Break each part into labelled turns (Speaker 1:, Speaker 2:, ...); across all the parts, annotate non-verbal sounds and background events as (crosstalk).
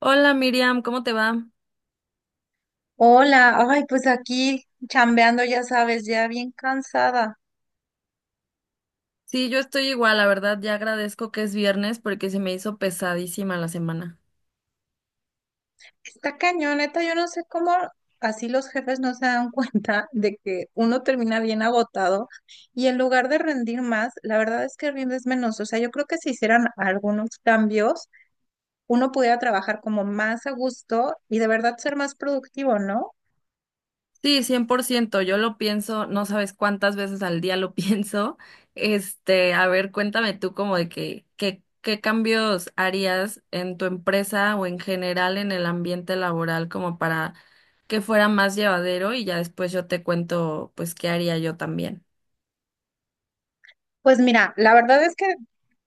Speaker 1: Hola Miriam, ¿cómo te va?
Speaker 2: Hola, ay, pues aquí chambeando, ya sabes, ya bien cansada.
Speaker 1: Sí, yo estoy igual, la verdad, ya agradezco que es viernes porque se me hizo pesadísima la semana.
Speaker 2: Está cañoneta, yo no sé cómo así los jefes no se dan (laughs) cuenta de que uno termina bien agotado y en lugar de rendir más, la verdad es que rindes menos. O sea, yo creo que si hicieran algunos cambios, uno pudiera trabajar como más a gusto y de verdad ser más productivo, ¿no?
Speaker 1: Sí, 100%. Yo lo pienso, no sabes cuántas veces al día lo (laughs) pienso. A ver, cuéntame tú como de qué cambios harías en tu empresa o en general en el ambiente laboral como para que fuera más llevadero y ya después yo te cuento pues qué haría yo también.
Speaker 2: Pues mira, la verdad es que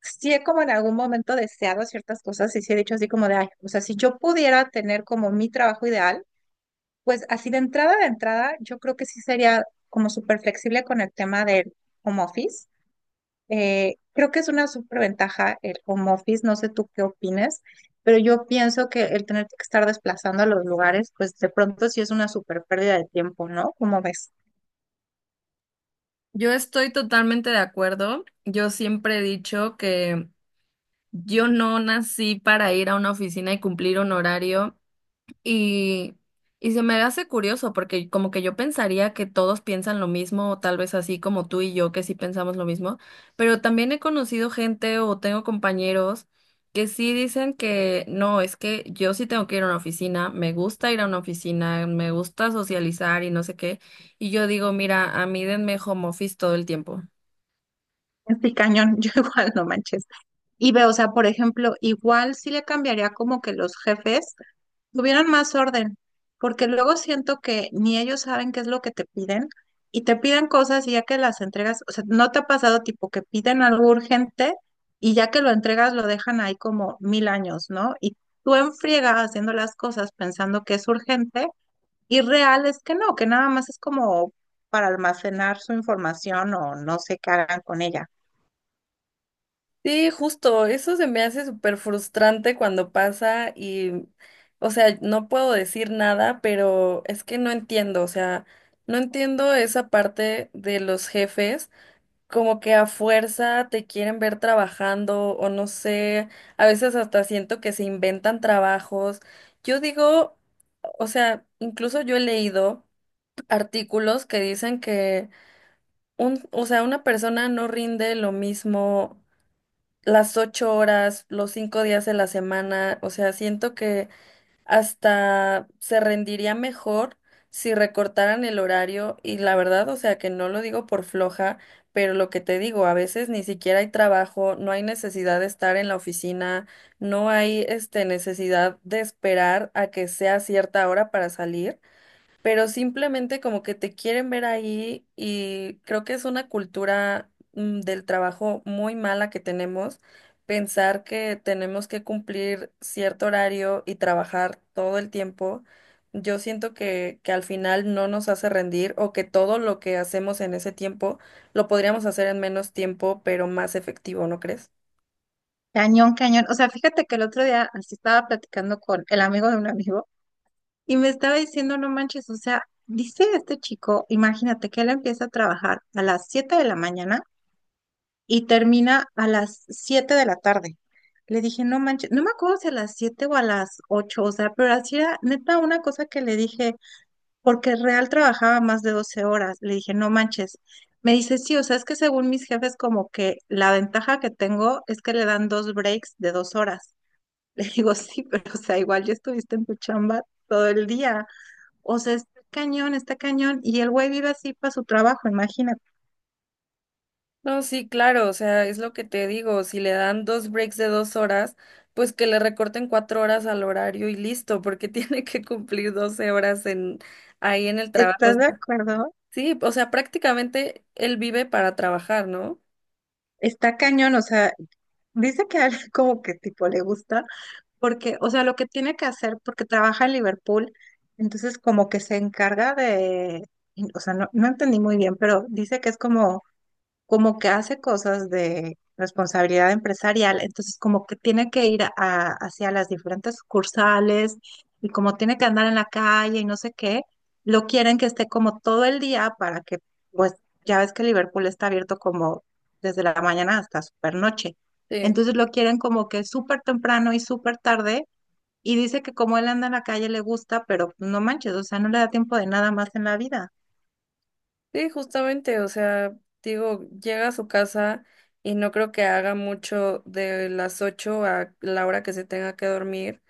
Speaker 2: sí he como en algún momento deseado ciertas cosas y sí he dicho así como de, ay, o sea, si yo pudiera tener como mi trabajo ideal. Pues así de entrada, yo creo que sí sería como súper flexible con el tema del home office. Creo que es una superventaja el home office, no sé tú qué opines, pero yo pienso que el tener que estar desplazando a los lugares, pues de pronto sí es una súper pérdida de tiempo, ¿no? Como ves?
Speaker 1: Yo estoy totalmente de acuerdo. Yo siempre he dicho que yo no nací para ir a una oficina y cumplir un horario y, y se me hace curioso porque como que yo pensaría que todos piensan lo mismo, o tal vez así como tú y yo que sí pensamos lo mismo, pero también he conocido gente o tengo compañeros que sí dicen que no, es que yo sí tengo que ir a una oficina, me gusta ir a una oficina, me gusta socializar y no sé qué, y yo digo, mira, a mí denme home office todo el tiempo.
Speaker 2: Este cañón, (laughs) yo igual no manches. Y veo, o sea, por ejemplo, igual sí le cambiaría como que los jefes tuvieran más orden, porque luego siento que ni ellos saben qué es lo que te piden y te piden cosas y ya que las entregas, o sea, ¿no te ha pasado tipo que piden algo urgente y ya que lo entregas lo dejan ahí como mil años, ¿no? Y tú en friega haciendo las cosas pensando que es urgente y real es que no, que nada más es como para almacenar su información o no sé qué hagan con ella.
Speaker 1: Sí, justo, eso se me hace súper frustrante cuando pasa y, o sea, no puedo decir nada, pero es que no entiendo, o sea, no entiendo esa parte de los jefes, como que a fuerza te quieren ver trabajando o no sé, a veces hasta siento que se inventan trabajos. Yo digo, o sea, incluso yo he leído artículos que dicen que un, o sea, una persona no rinde lo mismo las 8 horas, los 5 días de la semana, o sea, siento que hasta se rendiría mejor si recortaran el horario y la verdad, o sea, que no lo digo por floja, pero lo que te digo, a veces ni siquiera hay trabajo, no hay necesidad de estar en la oficina, no hay necesidad de esperar a que sea cierta hora para salir, pero simplemente como que te quieren ver ahí y creo que es una cultura del trabajo muy mala que tenemos, pensar que tenemos que cumplir cierto horario y trabajar todo el tiempo. Yo siento que al final no nos hace rendir o que todo lo que hacemos en ese tiempo lo podríamos hacer en menos tiempo, pero más efectivo, ¿no crees?
Speaker 2: Cañón, cañón. O sea, fíjate que el otro día así estaba platicando con el amigo de un amigo. Y me estaba diciendo, no manches, o sea, dice este chico, imagínate que él empieza a trabajar a las 7 de la mañana y termina a las 7 de la tarde. Le dije, no manches, no me acuerdo si a las 7 o a las 8, o sea, pero así era neta una cosa que le dije, porque real trabajaba más de 12 horas. Le dije, no manches. Me dice, sí, o sea, es que según mis jefes, como que la ventaja que tengo es que le dan dos breaks de 2 horas. (laughs) Le digo, sí, pero o sea, igual ya estuviste en tu chamba todo el día. O sea, está cañón, está cañón. Y el güey vive así para su trabajo, imagínate.
Speaker 1: No, sí, claro, o sea, es lo que te digo, si le dan 2 breaks de 2 horas, pues que le recorten 4 horas al horario y listo, porque (laughs) tiene que cumplir 12 horas en, ahí en el trabajo. O
Speaker 2: ¿Estás de
Speaker 1: sea,
Speaker 2: acuerdo?
Speaker 1: sí, o sea, prácticamente él vive para trabajar, ¿no?
Speaker 2: Está cañón, o sea, dice que a él (laughs) como que tipo le gusta, porque, o sea, lo que tiene que hacer, porque trabaja en Liverpool, entonces como que se encarga de, o sea, no, no entendí muy bien, pero dice que es como como que hace cosas de responsabilidad empresarial, entonces como que tiene que hacia las diferentes sucursales y como tiene que andar en la calle y no sé qué, lo quieren que esté como todo el día para que, pues ya ves que Liverpool está abierto como desde la mañana hasta super noche,
Speaker 1: Sí,
Speaker 2: entonces lo quieren como que súper temprano y súper tarde y dice que como él anda en la calle le gusta, pero no manches, o sea, no le da tiempo de nada más en la vida.
Speaker 1: sí, justamente, o sea, digo, llega a su casa y no creo que haga mucho de las 8 a la hora que se tenga que dormir.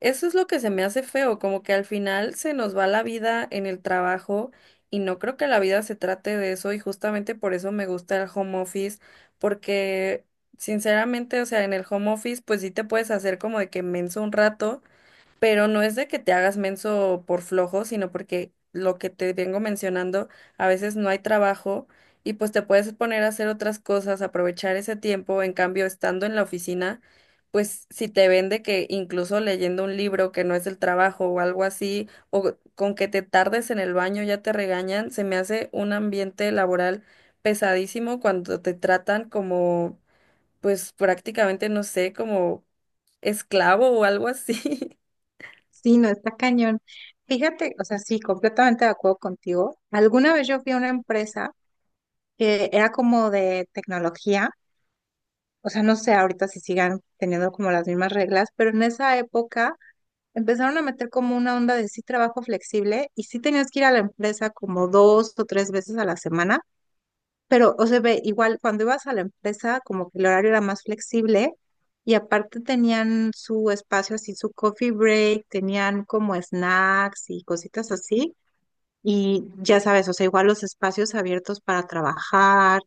Speaker 1: Eso es lo que se me hace feo, como que al final se nos va la vida en el trabajo y no creo que la vida se trate de eso, y justamente por eso me gusta el home office, porque sinceramente, o sea, en el home office pues sí te puedes hacer como de que menso un rato, pero no es de que te hagas menso por flojo, sino porque lo que te vengo mencionando, a veces no hay trabajo y pues te puedes poner a hacer otras cosas, aprovechar ese tiempo. En cambio, estando en la oficina, pues si te ven de que incluso leyendo un libro que no es el trabajo o algo así, o con que te tardes en el baño ya te regañan, se me hace un ambiente laboral pesadísimo cuando te tratan como, pues prácticamente, no sé, como esclavo o algo así. (laughs)
Speaker 2: Sí, no, está cañón. Fíjate, o sea, sí, completamente de acuerdo contigo. Alguna vez yo fui a una empresa que era como de tecnología, o sea, no sé ahorita si sigan teniendo como las mismas reglas, pero en esa época empezaron a meter como una onda de sí trabajo flexible y sí tenías que ir a la empresa como dos o tres veces a la semana, pero, o sea, ve, igual cuando ibas a la empresa, como que el horario era más flexible y aparte tenían su espacio así, su coffee break, tenían como snacks y cositas así. Y ya sabes, o sea, igual los espacios abiertos para trabajar.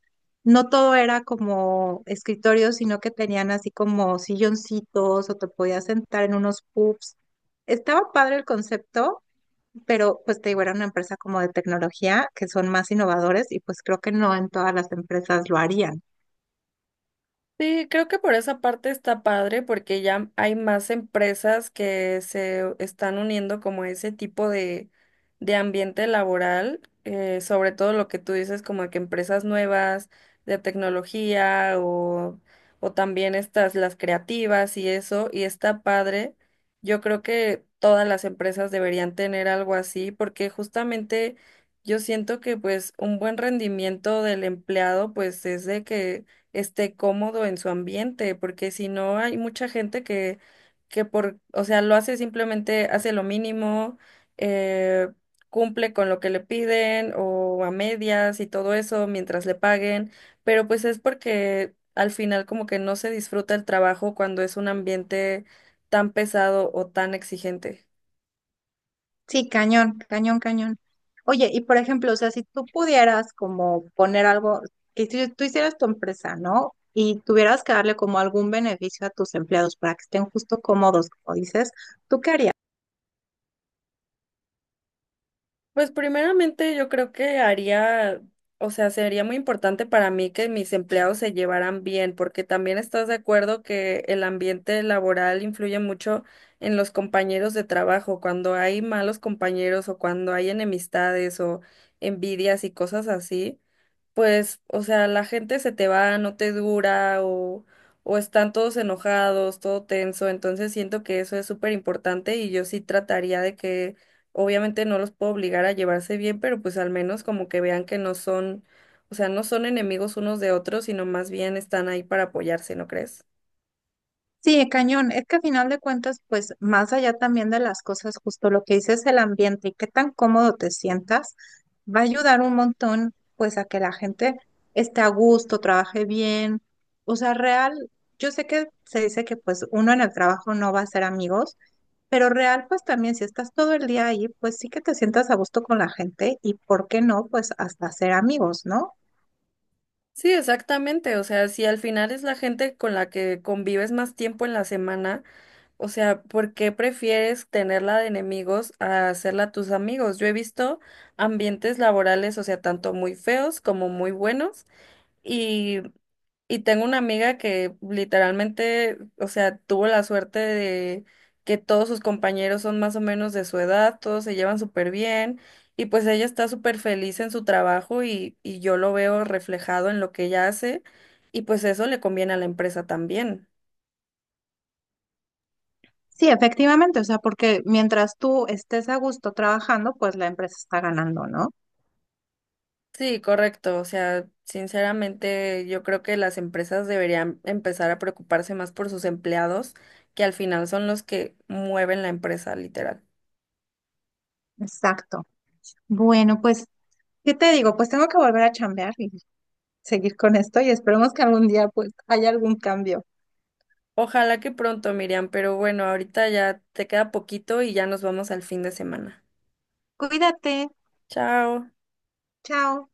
Speaker 2: No todo era como escritorio, sino que tenían así como silloncitos o te podías sentar en unos pubs. Estaba padre el concepto, pero pues te digo, era una empresa como de tecnología que son más innovadores y pues creo que no en todas las empresas lo harían.
Speaker 1: Sí, creo que por esa parte está padre porque ya hay más empresas que se están uniendo como a ese tipo de ambiente laboral, sobre todo lo que tú dices como que empresas nuevas de tecnología o también estas las creativas y eso, y está padre. Yo creo que todas las empresas deberían tener algo así porque justamente yo siento que pues un buen rendimiento del empleado pues es de que esté cómodo en su ambiente, porque si no hay mucha gente que por, o sea, lo hace simplemente, hace lo mínimo, eh, cumple con lo que le piden o a medias y todo eso mientras le paguen, pero pues es porque al final como que no se disfruta el trabajo cuando es un ambiente tan pesado o tan exigente.
Speaker 2: Sí, cañón, cañón, cañón. Oye, y por ejemplo, o sea, si tú pudieras como poner algo, que si tú hicieras tu empresa, ¿no? Y tuvieras que darle como algún beneficio a tus empleados para que estén justo cómodos, como dices, ¿tú qué harías?
Speaker 1: Pues primeramente yo creo que haría, o sea, sería muy importante para mí que mis empleados se llevaran bien, porque también estás de acuerdo que el ambiente laboral influye mucho en los compañeros de trabajo. Cuando hay malos compañeros o cuando hay enemistades o envidias y cosas así, pues, o sea, la gente se te va, no te dura o están todos enojados, todo tenso, entonces siento que eso es súper importante y yo sí trataría de que, obviamente no los puedo obligar a llevarse bien, pero pues al menos como que vean que no son, o sea, no son enemigos unos de otros, sino más bien están ahí para apoyarse, ¿no crees?
Speaker 2: Sí, cañón. Es que a final de cuentas, pues más allá también de las cosas, justo lo que dices, el ambiente y qué tan cómodo te sientas, va a ayudar un montón, pues a que la gente esté a gusto, trabaje bien. O sea, real, yo sé que se dice que pues uno en el trabajo no va a ser amigos, pero real, pues también si estás todo el día ahí, pues sí que te sientas a gusto con la gente y por qué no, pues hasta ser amigos, ¿no?
Speaker 1: Sí, exactamente, o sea, si al final es la gente con la que convives más tiempo en la semana. O sea, ¿por qué prefieres tenerla de enemigos a hacerla tus amigos? Yo he visto ambientes laborales, o sea, tanto muy feos como muy buenos. Y, y tengo una amiga que literalmente, o sea, tuvo la suerte de que todos sus compañeros son más o menos de su edad, todos se llevan súper bien. Y pues ella está súper feliz en su trabajo y yo lo veo reflejado en lo que ella hace. Y pues eso le conviene a la empresa también.
Speaker 2: Sí, efectivamente, o sea, porque mientras tú estés a gusto trabajando, pues la empresa está ganando, ¿no?
Speaker 1: Sí, correcto. O sea, sinceramente yo creo que las empresas deberían empezar a preocuparse más por sus empleados, que al final son los que mueven la empresa, literal.
Speaker 2: Exacto. Bueno, pues, ¿qué te digo? Pues tengo que volver a chambear y seguir con esto y esperemos que algún día pues haya algún cambio.
Speaker 1: Ojalá que pronto, Miriam, pero bueno, ahorita ya te queda poquito y ya nos vamos al fin de semana.
Speaker 2: Cuídate.
Speaker 1: Chao.
Speaker 2: Chao.